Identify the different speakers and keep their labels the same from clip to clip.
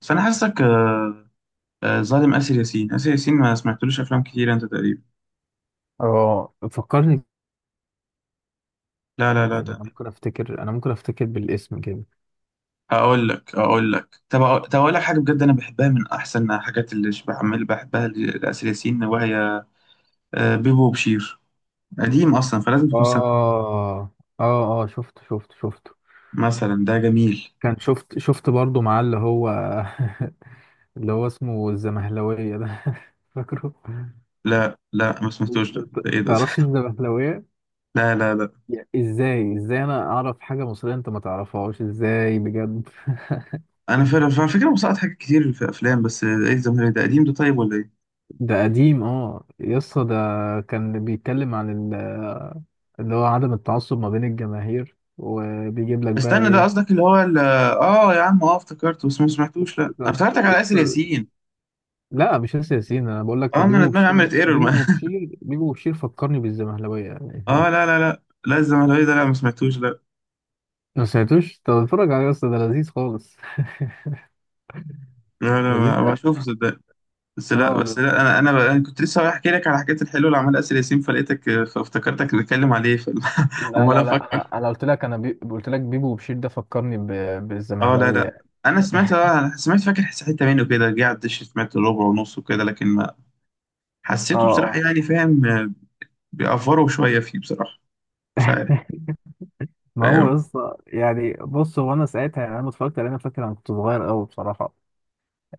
Speaker 1: بس انا حاسسك ظالم آسر ياسين آسر ياسين. ما سمعتلوش افلام كتير انت تقريبا.
Speaker 2: اه، فكرني.
Speaker 1: لا لا لا
Speaker 2: يعني انا
Speaker 1: ده.
Speaker 2: ممكن افتكر، انا ممكن افتكر بالاسم كده.
Speaker 1: اقول لك اقول لك طب أقول- طب اقول لك حاجه بجد انا بحبها من احسن الحاجات اللي بعمل بحبها لآسر ياسين وهي بيبو وبشير. قديم اصلا فلازم تكون سامع.
Speaker 2: اه اه اه، شفته شفته شفته.
Speaker 1: مثلا ده جميل.
Speaker 2: كان شفت برضو معاه اللي هو اللي هو اسمه الزمهلوية ده فاكره؟
Speaker 1: لا لا ما
Speaker 2: مش-
Speaker 1: سمعتوش ده. ايه ده؟
Speaker 2: تعرفش الزمهلوية؟
Speaker 1: لا لا لا.
Speaker 2: ازاي انا اعرف حاجة مصرية انت ما تعرفهاش؟ ازاي بجد؟
Speaker 1: انا فعلا على فكره مسقط حاجات كتير في افلام، بس ايه الزمهرير ده؟ قديم ده طيب ولا ايه؟
Speaker 2: ده قديم، اه يسطا، ده كان بيتكلم عن اللي هو عدم التعصب ما بين الجماهير، وبيجيب لك
Speaker 1: استنى ده
Speaker 2: بقى
Speaker 1: قصدك اللي هو ال- اه يا عم، اه افتكرته بس ما سمعتوش. لا أنا افتكرتك على
Speaker 2: ايه.
Speaker 1: آسر ياسين.
Speaker 2: لا، مش ياسر ياسين، انا بقول لك
Speaker 1: اه، ما انا
Speaker 2: بيبو
Speaker 1: دماغي
Speaker 2: وبشير، ده
Speaker 1: عملت ايرور، ما
Speaker 2: بيبو وبشير، بيبو وبشير فكرني بالزمهلاويه يعني
Speaker 1: اه لا لا لا. لا الزمهلاوي ده، لا ما سمعتوش لا.
Speaker 2: ما سمعتوش؟ طب اتفرج عليه، اصلا ده لذيذ خالص
Speaker 1: لا لا
Speaker 2: لذيذ
Speaker 1: ما بشوفه صدق. بس لا،
Speaker 2: اه
Speaker 1: بس
Speaker 2: ده-
Speaker 1: لا، أنا كنت لسه رايح احكي لك على حكايه الحلو اللي عملها اسر ياسين فلقيتك فافتكرتك نتكلم عليه.
Speaker 2: لا
Speaker 1: عمال
Speaker 2: لا لا،
Speaker 1: افكر.
Speaker 2: انا قلت لك، قلت لك بيبو وبشير، ده فكرني
Speaker 1: اه لا لا.
Speaker 2: بالزمهلاويه
Speaker 1: انا سمعت، اه انا سمعت، فاكر حته منه كده جه على الدش، سمعت ربع ونص وكده لكن ما
Speaker 2: اه
Speaker 1: حسيته بصراحه،
Speaker 2: اه،
Speaker 1: يعني فاهم بيأفروا شويه فيه بصراحه. مش عارف.
Speaker 2: ما هو
Speaker 1: فاهم.
Speaker 2: اصلا يعني بص، هو انا ساعتها، يعني انا لما اتفرجت عليه، انا فاكر انا كنت صغير قوي بصراحه،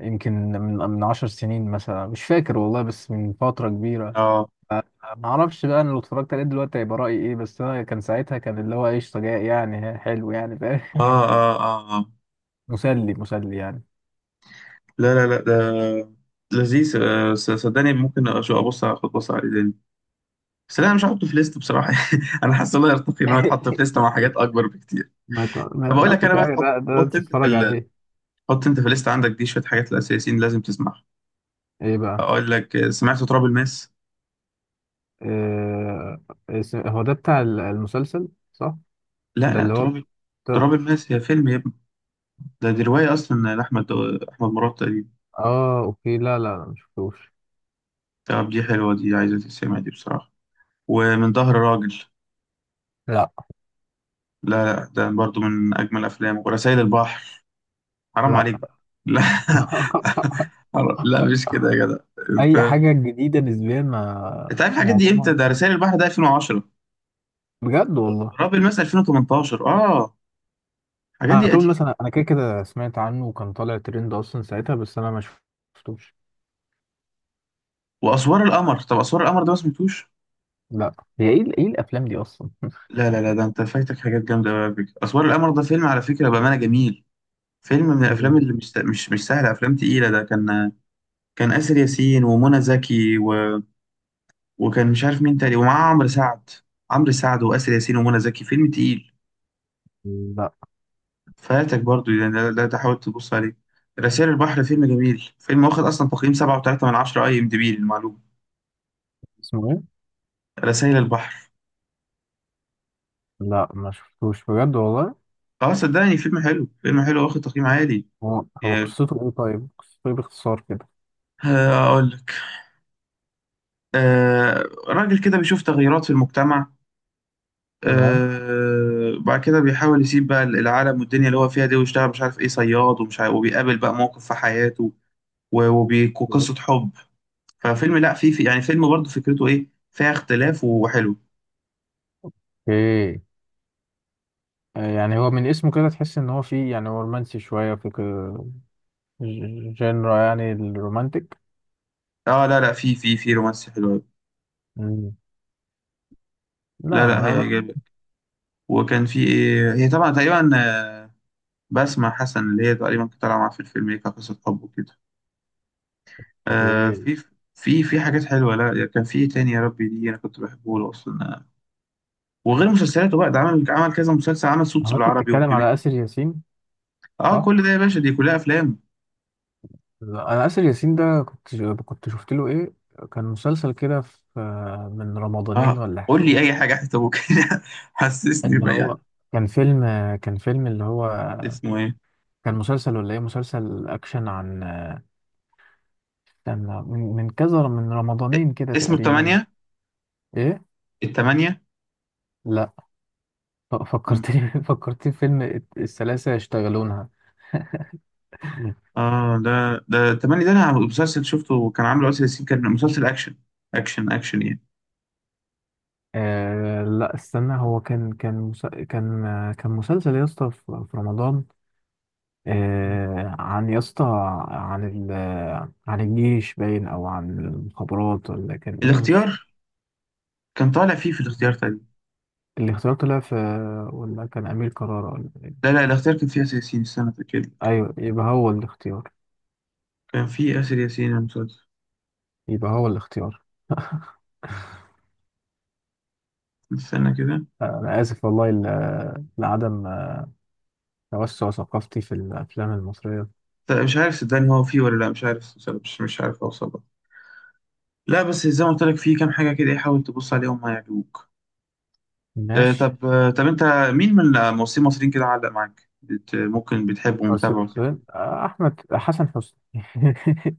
Speaker 2: يمكن من 10 سنين مثلا، مش فاكر والله، بس من فتره كبيره.
Speaker 1: اه،
Speaker 2: ما اعرفش بقى انا لو اتفرجت عليه دلوقتي هيبقى رايي ايه، بس انا كان ساعتها، كان اللي هو قشطه جاي يعني، حلو يعني، فاهم؟
Speaker 1: اه، اه، اه،
Speaker 2: مسلي مسلي يعني
Speaker 1: لا لا لا، ده لذيذ. صدقني ممكن ابص، اخد بص عليه تاني، بس لا، انا مش هحطه في ليست بصراحه. انا حاسس الله يرتقي ان هو يتحط في ليست مع حاجات اكبر بكتير.
Speaker 2: ما
Speaker 1: طب اقول لك،
Speaker 2: تقعدش
Speaker 1: انا بقى
Speaker 2: حاجه،
Speaker 1: تحط،
Speaker 2: ده انت تتفرج عليه.
Speaker 1: حط انت في الليست عندك دي شويه حاجات الاساسيين لازم تسمعها.
Speaker 2: ايه بقى؟
Speaker 1: اقول لك، سمعت تراب الماس؟
Speaker 2: إيه... هو ده بتاع المسلسل، صح؟
Speaker 1: لا
Speaker 2: ده
Speaker 1: لا،
Speaker 2: اللي هو
Speaker 1: تراب.
Speaker 2: بتاع...
Speaker 1: تراب الماس هي فيلم يا ابني. ده دي روايه اصلا لاحمد. احمد مراد تقريبا.
Speaker 2: اه، اوكي، لا لا لا مشفتوش.
Speaker 1: طب دي حلوه، دي عايزه تتسمع دي بصراحه. ومن ظهر راجل.
Speaker 2: لا
Speaker 1: لا لا، ده برضو من اجمل افلام، ورسائل البحر. حرام
Speaker 2: لا
Speaker 1: عليك بقى. لا. حرام. لا مش كده يا جدع.
Speaker 2: اي
Speaker 1: انت،
Speaker 2: حاجه جديده نسبيا، ما
Speaker 1: انت عارف الحاجات دي امتى؟
Speaker 2: معظمها.
Speaker 1: ده رسائل البحر ده 2010.
Speaker 2: بجد والله؟
Speaker 1: راب الماس 2018، اه. الحاجات
Speaker 2: انا
Speaker 1: دي
Speaker 2: طول
Speaker 1: قديمه.
Speaker 2: مثلا، انا كده كده سمعت عنه وكان طالع ترند اصلا ساعتها، بس انا ما شفتوش
Speaker 1: واسوار القمر، طب اسوار القمر ده ما سمعتوش؟
Speaker 2: لا. هي ايه ايه الافلام دي اصلا؟
Speaker 1: لا لا لا، ده انت فايتك حاجات جامده قوي يا بيك. اسوار القمر ده فيلم على فكره بامانه جميل. فيلم من الافلام
Speaker 2: جامد.
Speaker 1: اللي مش سهله، افلام تقيله. ده كان، كان آسر ياسين ومنى زكي و... وكان مش عارف مين تاني، ومعاه عمرو سعد. عمرو سعد وآسر ياسين ومنى زكي، فيلم تقيل.
Speaker 2: لا.
Speaker 1: فاتك برضو يعني، لا لا، تحاول تبص عليه. رسائل البحر فيلم جميل، فيلم واخد أصلا تقييم سبعة وتلاتة من عشرة أي إم دي بي للمعلومة.
Speaker 2: اسمه ايه؟
Speaker 1: رسائل البحر.
Speaker 2: لا، ما شفتوش بجد والله.
Speaker 1: اه صدقني فيلم حلو، فيلم حلو واخد تقييم عالي.
Speaker 2: هو
Speaker 1: يعني،
Speaker 2: قصته ايه؟ طيب قصته ايه باختصار كده؟
Speaker 1: أقول لك. آه. راجل كده بيشوف تغيرات في المجتمع،
Speaker 2: تمام.
Speaker 1: آه بعد كده بيحاول يسيب بقى العالم والدنيا اللي هو فيها دي ويشتغل مش عارف إيه، صياد ومش عارف، وبيقابل بقى موقف في حياته.
Speaker 2: مم.
Speaker 1: وقصة حب. ففيلم، لا فيه في يعني فيلم برضو فكرته إيه، فيها اختلاف وحلو.
Speaker 2: اوكي. يعني هو من اسمه كده تحس ان هو فيه، يعني هو رومانسي شويه في كده، جنرا يعني الرومانتيك.
Speaker 1: اه لا لا، في رومانسي حلو أوي.
Speaker 2: مم. لا
Speaker 1: لا لا
Speaker 2: انا ما.
Speaker 1: هيعجبك. وكان في ايه، هي طبعا تقريبا بسمة حسن، اللي هي تقريبا كانت طالعة معاه في الفيلم، هي كانت قصة حب وكده. آه،
Speaker 2: اوكي.
Speaker 1: في، في في حاجات حلوة. لا كان في إيه تاني يا ربي، دي انا كنت بحبه له اصلا. وغير مسلسلاته بقى، ده عمل، عمل كذا مسلسل، عمل سوتس
Speaker 2: هو انت
Speaker 1: بالعربي
Speaker 2: بتتكلم
Speaker 1: وبيبي.
Speaker 2: على اسر ياسين،
Speaker 1: اه
Speaker 2: صح؟
Speaker 1: كل ده يا باشا دي كلها افلام.
Speaker 2: لا، انا اسر ياسين ده كنت شفت له ايه. كان مسلسل كده في، من رمضانين
Speaker 1: اه
Speaker 2: ولا
Speaker 1: قول لي
Speaker 2: حاجه،
Speaker 1: اي حاجة حتى ممكن. حسسني
Speaker 2: اللي
Speaker 1: بأي
Speaker 2: هو
Speaker 1: حاجة.
Speaker 2: كان فيلم، اللي هو،
Speaker 1: اسمه ايه؟
Speaker 2: كان مسلسل ولا ايه؟ مسلسل اكشن عن، استنى، من كذا، من رمضانين كده
Speaker 1: اسمه
Speaker 2: تقريبا.
Speaker 1: التمانية.
Speaker 2: ايه.
Speaker 1: التمانية.
Speaker 2: لا. فكرتني فكرتني في فيلم الثلاثة يشتغلونها.
Speaker 1: اه ده ده تملي، ده انا مسلسل شفته كان عامله آسر ياسين، كان مسلسل اكشن. اكشن اكشن يعني.
Speaker 2: آه لا استنى، هو كان كان مس... كان آه، كان مسلسل يا اسطى في رمضان.
Speaker 1: مم.
Speaker 2: عن، يا اسطى، عن ال... آه، عن الجيش باين، او عن المخابرات، ولا كان ايه؟ مش
Speaker 1: الاختيار. كان طالع فيه في الاختيار تقريبا.
Speaker 2: اللي اختيار طلع في، ولا كان امير كرارة ولا؟
Speaker 1: لا لا، الاختيار كان فيه آسر ياسين، استنى كده.
Speaker 2: ايوه، يبقى هو الاختيار.
Speaker 1: كان فيه آسر ياسين المسلسل.
Speaker 2: يبقى هو الاختيار
Speaker 1: استنى كده.
Speaker 2: انا اسف والله لعدم توسع ثقافتي في الافلام المصريه.
Speaker 1: لا، مش عارف صدقني هو فيه ولا لا، مش عارف صدقني، مش عارف اوصل لك. لا بس زي ما قلت لك، فيه كام حاجة كده، إيه، حاول تبص عليهم هيعجبوك. آه
Speaker 2: ماشي.
Speaker 1: طب آه طب انت مين من الممثلين المصريين كده علق معاك، بت ممكن بتحبه
Speaker 2: أرسل
Speaker 1: ومتابعه كده؟
Speaker 2: مسؤول، احمد حسن حسني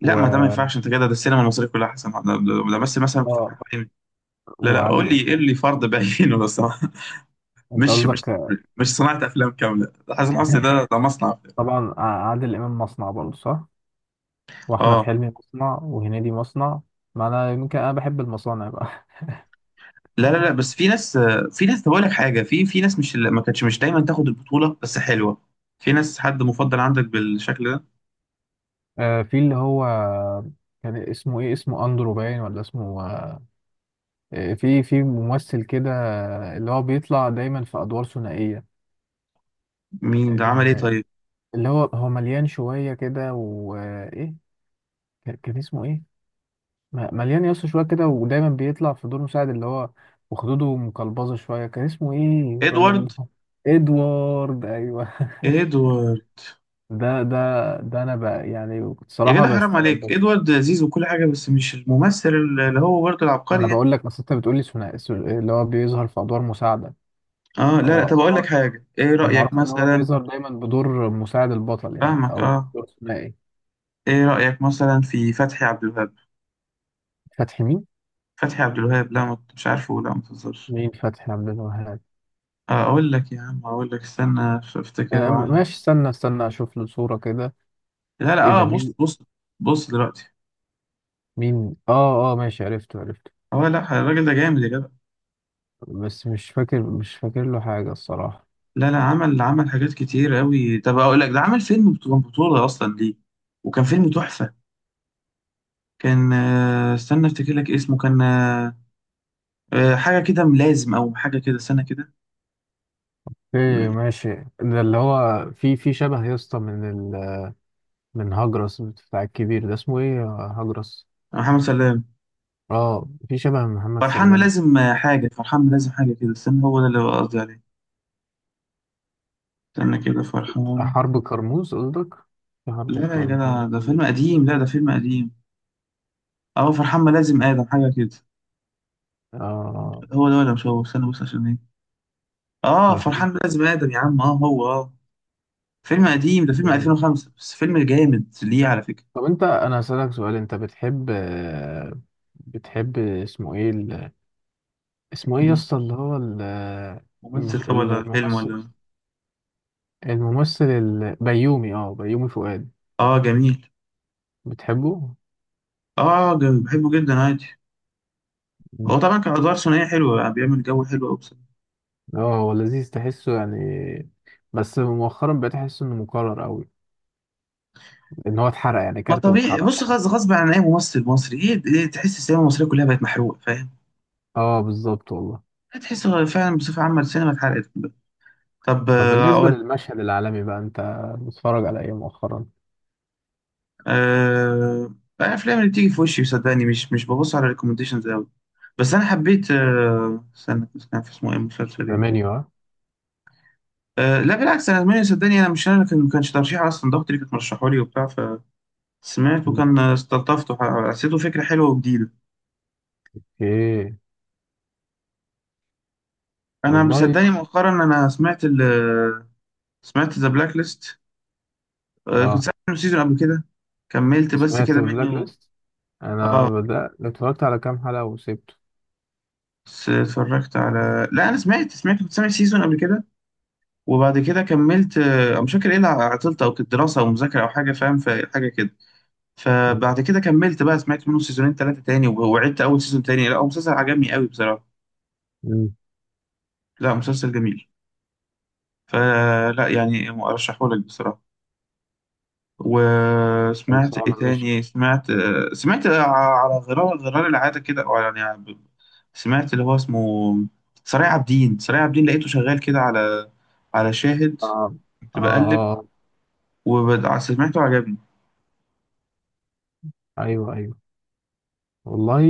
Speaker 1: لا،
Speaker 2: و
Speaker 1: ما ده ما ينفعش انت كده، ده السينما المصرية كلها حسن، ده بس مثلا في
Speaker 2: اه
Speaker 1: حوالي. لا لا،
Speaker 2: وعادل
Speaker 1: قول لي، قول
Speaker 2: امام.
Speaker 1: لي فرد بعينه بس.
Speaker 2: انت
Speaker 1: مش مش
Speaker 2: قصدك؟
Speaker 1: مش صناعة أفلام كاملة. حسن حسني ده ده مصنع أفلام.
Speaker 2: طبعا، عادل امام مصنع برضه، صح؟ واحمد
Speaker 1: اه
Speaker 2: حلمي مصنع، وهنيدي مصنع. ما انا يمكن انا بحب المصانع بقى
Speaker 1: لا لا لا، بس في ناس، في ناس. بقول لك حاجة، في في ناس مش، ما كانتش مش دايما تاخد البطولة بس حلوة. في ناس حد مفضل عندك بالشكل ده؟
Speaker 2: في اللي هو كان اسمه ايه، اسمه اندرو باين ولا اسمه، في ممثل كده اللي هو بيطلع دايما في ادوار ثنائيه،
Speaker 1: مين ده؟ عمل ايه
Speaker 2: آه،
Speaker 1: طيب؟
Speaker 2: اللي هو هو مليان شويه كده، وايه كان اسمه ايه، مليان يس شويه كده، ودايما بيطلع في دور مساعد اللي هو، وخدوده مقلبظه شويه، كان اسمه ايه الراجل
Speaker 1: ادوارد.
Speaker 2: ده؟ ادوارد، ايوه،
Speaker 1: ادوارد.
Speaker 2: ده ده ده انا بقى يعني،
Speaker 1: يا
Speaker 2: بصراحه،
Speaker 1: جدع
Speaker 2: بس
Speaker 1: حرام عليك،
Speaker 2: بس
Speaker 1: ادوارد لذيذ وكل حاجة بس مش الممثل اللي هو برضه
Speaker 2: ما
Speaker 1: العبقري
Speaker 2: انا
Speaker 1: يعني.
Speaker 2: بقول لك، بس انت بتقول لي ثنائي، اللي هو بيظهر في ادوار مساعده،
Speaker 1: اه لا لا،
Speaker 2: هو
Speaker 1: طب اقول لك حاجة، ايه
Speaker 2: كان
Speaker 1: رأيك
Speaker 2: معروف ان هو
Speaker 1: مثلا؟
Speaker 2: بيظهر دايما بدور مساعد البطل يعني،
Speaker 1: فاهمك
Speaker 2: او
Speaker 1: اه.
Speaker 2: دور ثنائي.
Speaker 1: ايه رأيك مثلا في فتحي عبد الوهاب؟
Speaker 2: فتحي مين؟
Speaker 1: فتحي عبد الوهاب. لا ما كنتش عارفه؟ لا ما تهزرش.
Speaker 2: مين فتحي عبد الوهاب؟
Speaker 1: اقول لك يا عم، اقول لك استنى، افتكر هو عمل.
Speaker 2: ماشي، استنى استنى اشوف له صورة كده.
Speaker 1: لا لا،
Speaker 2: ايه
Speaker 1: اه
Speaker 2: ده؟ مين؟
Speaker 1: بص بص. بص دلوقتي.
Speaker 2: مين، اه اه، ماشي عرفته عرفته.
Speaker 1: اه لا الراجل ده جامد يا جدع.
Speaker 2: بس مش فاكر، له حاجة الصراحة.
Speaker 1: لا لا عمل، عمل حاجات كتير قوي. طب اقول لك، ده عمل فيلم بطولة، بطولة اصلا ليه، وكان فيلم تحفة. كان، استنى افتكر لك اسمه، كان آه، آه، حاجة كده ملازم او حاجة كده، استنى كده.
Speaker 2: ايه؟ ماشي. ده اللي هو في شبه يا اسطى من ال من هجرس بتاع الكبير ده، اسمه ايه هجرس.
Speaker 1: محمد سلام.
Speaker 2: اه، في شبه من محمد
Speaker 1: فرحان
Speaker 2: سلام.
Speaker 1: ملازم، حاجة. فرحان ملازم حاجة كده، استنى، هو ده اللي قصدي عليه. استنى كده، فرحان.
Speaker 2: حرب كرموز قصدك؟ في حرب
Speaker 1: لا لا يا جدع ده فيلم
Speaker 2: كرموز؟
Speaker 1: قديم، لا ده فيلم قديم. اه فرحان ملازم آدم، حاجة كده.
Speaker 2: اه،
Speaker 1: هو ده ولا مش هو، استنى بص عشان ايه. اه فرحان
Speaker 2: فرحان.
Speaker 1: ملازم آدم، يا عم اه هو اه. فيلم قديم، ده فيلم
Speaker 2: إيه،
Speaker 1: 2005، بس فيلم جامد ليه على فكرة.
Speaker 2: طب انت، انا هسألك سؤال، انت بتحب، بتحب اسمه ايه اسمه ايه يا
Speaker 1: مين؟
Speaker 2: اسطى اللي هو
Speaker 1: ممثل طب، ولا فيلم،
Speaker 2: الممثل،
Speaker 1: ولا إيه؟
Speaker 2: الممثل البيومي، اه بيومي فؤاد،
Speaker 1: اه جميل.
Speaker 2: بتحبه؟
Speaker 1: اه جميل، بحبه جدا عادي.
Speaker 2: مم.
Speaker 1: هو طبعا كان ادوار ثنائيه حلوه يعني، بيعمل جو حلو قوي بصراحه.
Speaker 2: اه هو لذيذ تحسه يعني، بس مؤخرا بقيت احس انه مكرر قوي، ان هو اتحرق يعني
Speaker 1: ما
Speaker 2: كارت
Speaker 1: طبيعي،
Speaker 2: واتحرق
Speaker 1: بص
Speaker 2: خلاص.
Speaker 1: غصب، غصب عن اي ممثل مصري ايه، إيه، تحس السينما المصريه كلها بقت محروقه فاهم.
Speaker 2: اه بالظبط والله.
Speaker 1: تحس فعلا بصفه عامه السينما اتحرقت. طب
Speaker 2: طب بالنسبة للمشهد العالمي بقى، انت بتتفرج على ايه مؤخرا؟
Speaker 1: أه... الافلام اللي بتيجي في وشي صدقني، مش، مش ببص على ريكومنديشنز قوي. بس انا حبيت، استنى، كان في اسمه ايه المسلسل
Speaker 2: ذا
Speaker 1: ايه.
Speaker 2: منيو، اه.
Speaker 1: لا بالعكس، انا مني صدقني، انا مش انا اللي كان، ما كانش ترشيح اصلا، ده اختي اللي كانت مرشحه لي وبتاع، فسمعته
Speaker 2: مم.
Speaker 1: كان استلطفته، حسيته فكره حلوه وجديده.
Speaker 2: اوكي.
Speaker 1: انا
Speaker 2: والله.
Speaker 1: مصدقني مؤخرا، سمعت ذا بلاك ليست. كنت
Speaker 2: اه
Speaker 1: سامع منه سيزون قبل كده، كملت بس
Speaker 2: سمعت
Speaker 1: كده
Speaker 2: بلاك
Speaker 1: منه.
Speaker 2: ليست، انا
Speaker 1: اه
Speaker 2: بدأت اتفرجت على كام حلقة وسبته.
Speaker 1: بس اتفرجت على، لا انا سمعت، سمعت كنت سامع سيزون قبل كده، وبعد كده كملت، مش فاكر ايه اللي عطلت، او كانت دراسه او مذاكره او حاجه فاهم، فحاجه كده.
Speaker 2: مم.
Speaker 1: فبعد كده كملت بقى، سمعت منه سيزونين ثلاثه تاني، وعدت اول سيزون تاني. لا هو مسلسل عجبني قوي بصراحه.
Speaker 2: مم.
Speaker 1: لا مسلسل جميل، فلا يعني ارشحه لك بصراحه. وسمعت ايه
Speaker 2: خلصانة مش.
Speaker 1: تاني، سمعت، سمعت، على غرار، غرار العاده كده، او يعني سمعت اللي هو اسمه، سرايع عابدين. سرايع عابدين، لقيته شغال كده على، على شاهد.
Speaker 2: اه
Speaker 1: كنت
Speaker 2: اه
Speaker 1: بقلب،
Speaker 2: اه.
Speaker 1: وسمعته عجبني.
Speaker 2: ايوه ايوه والله.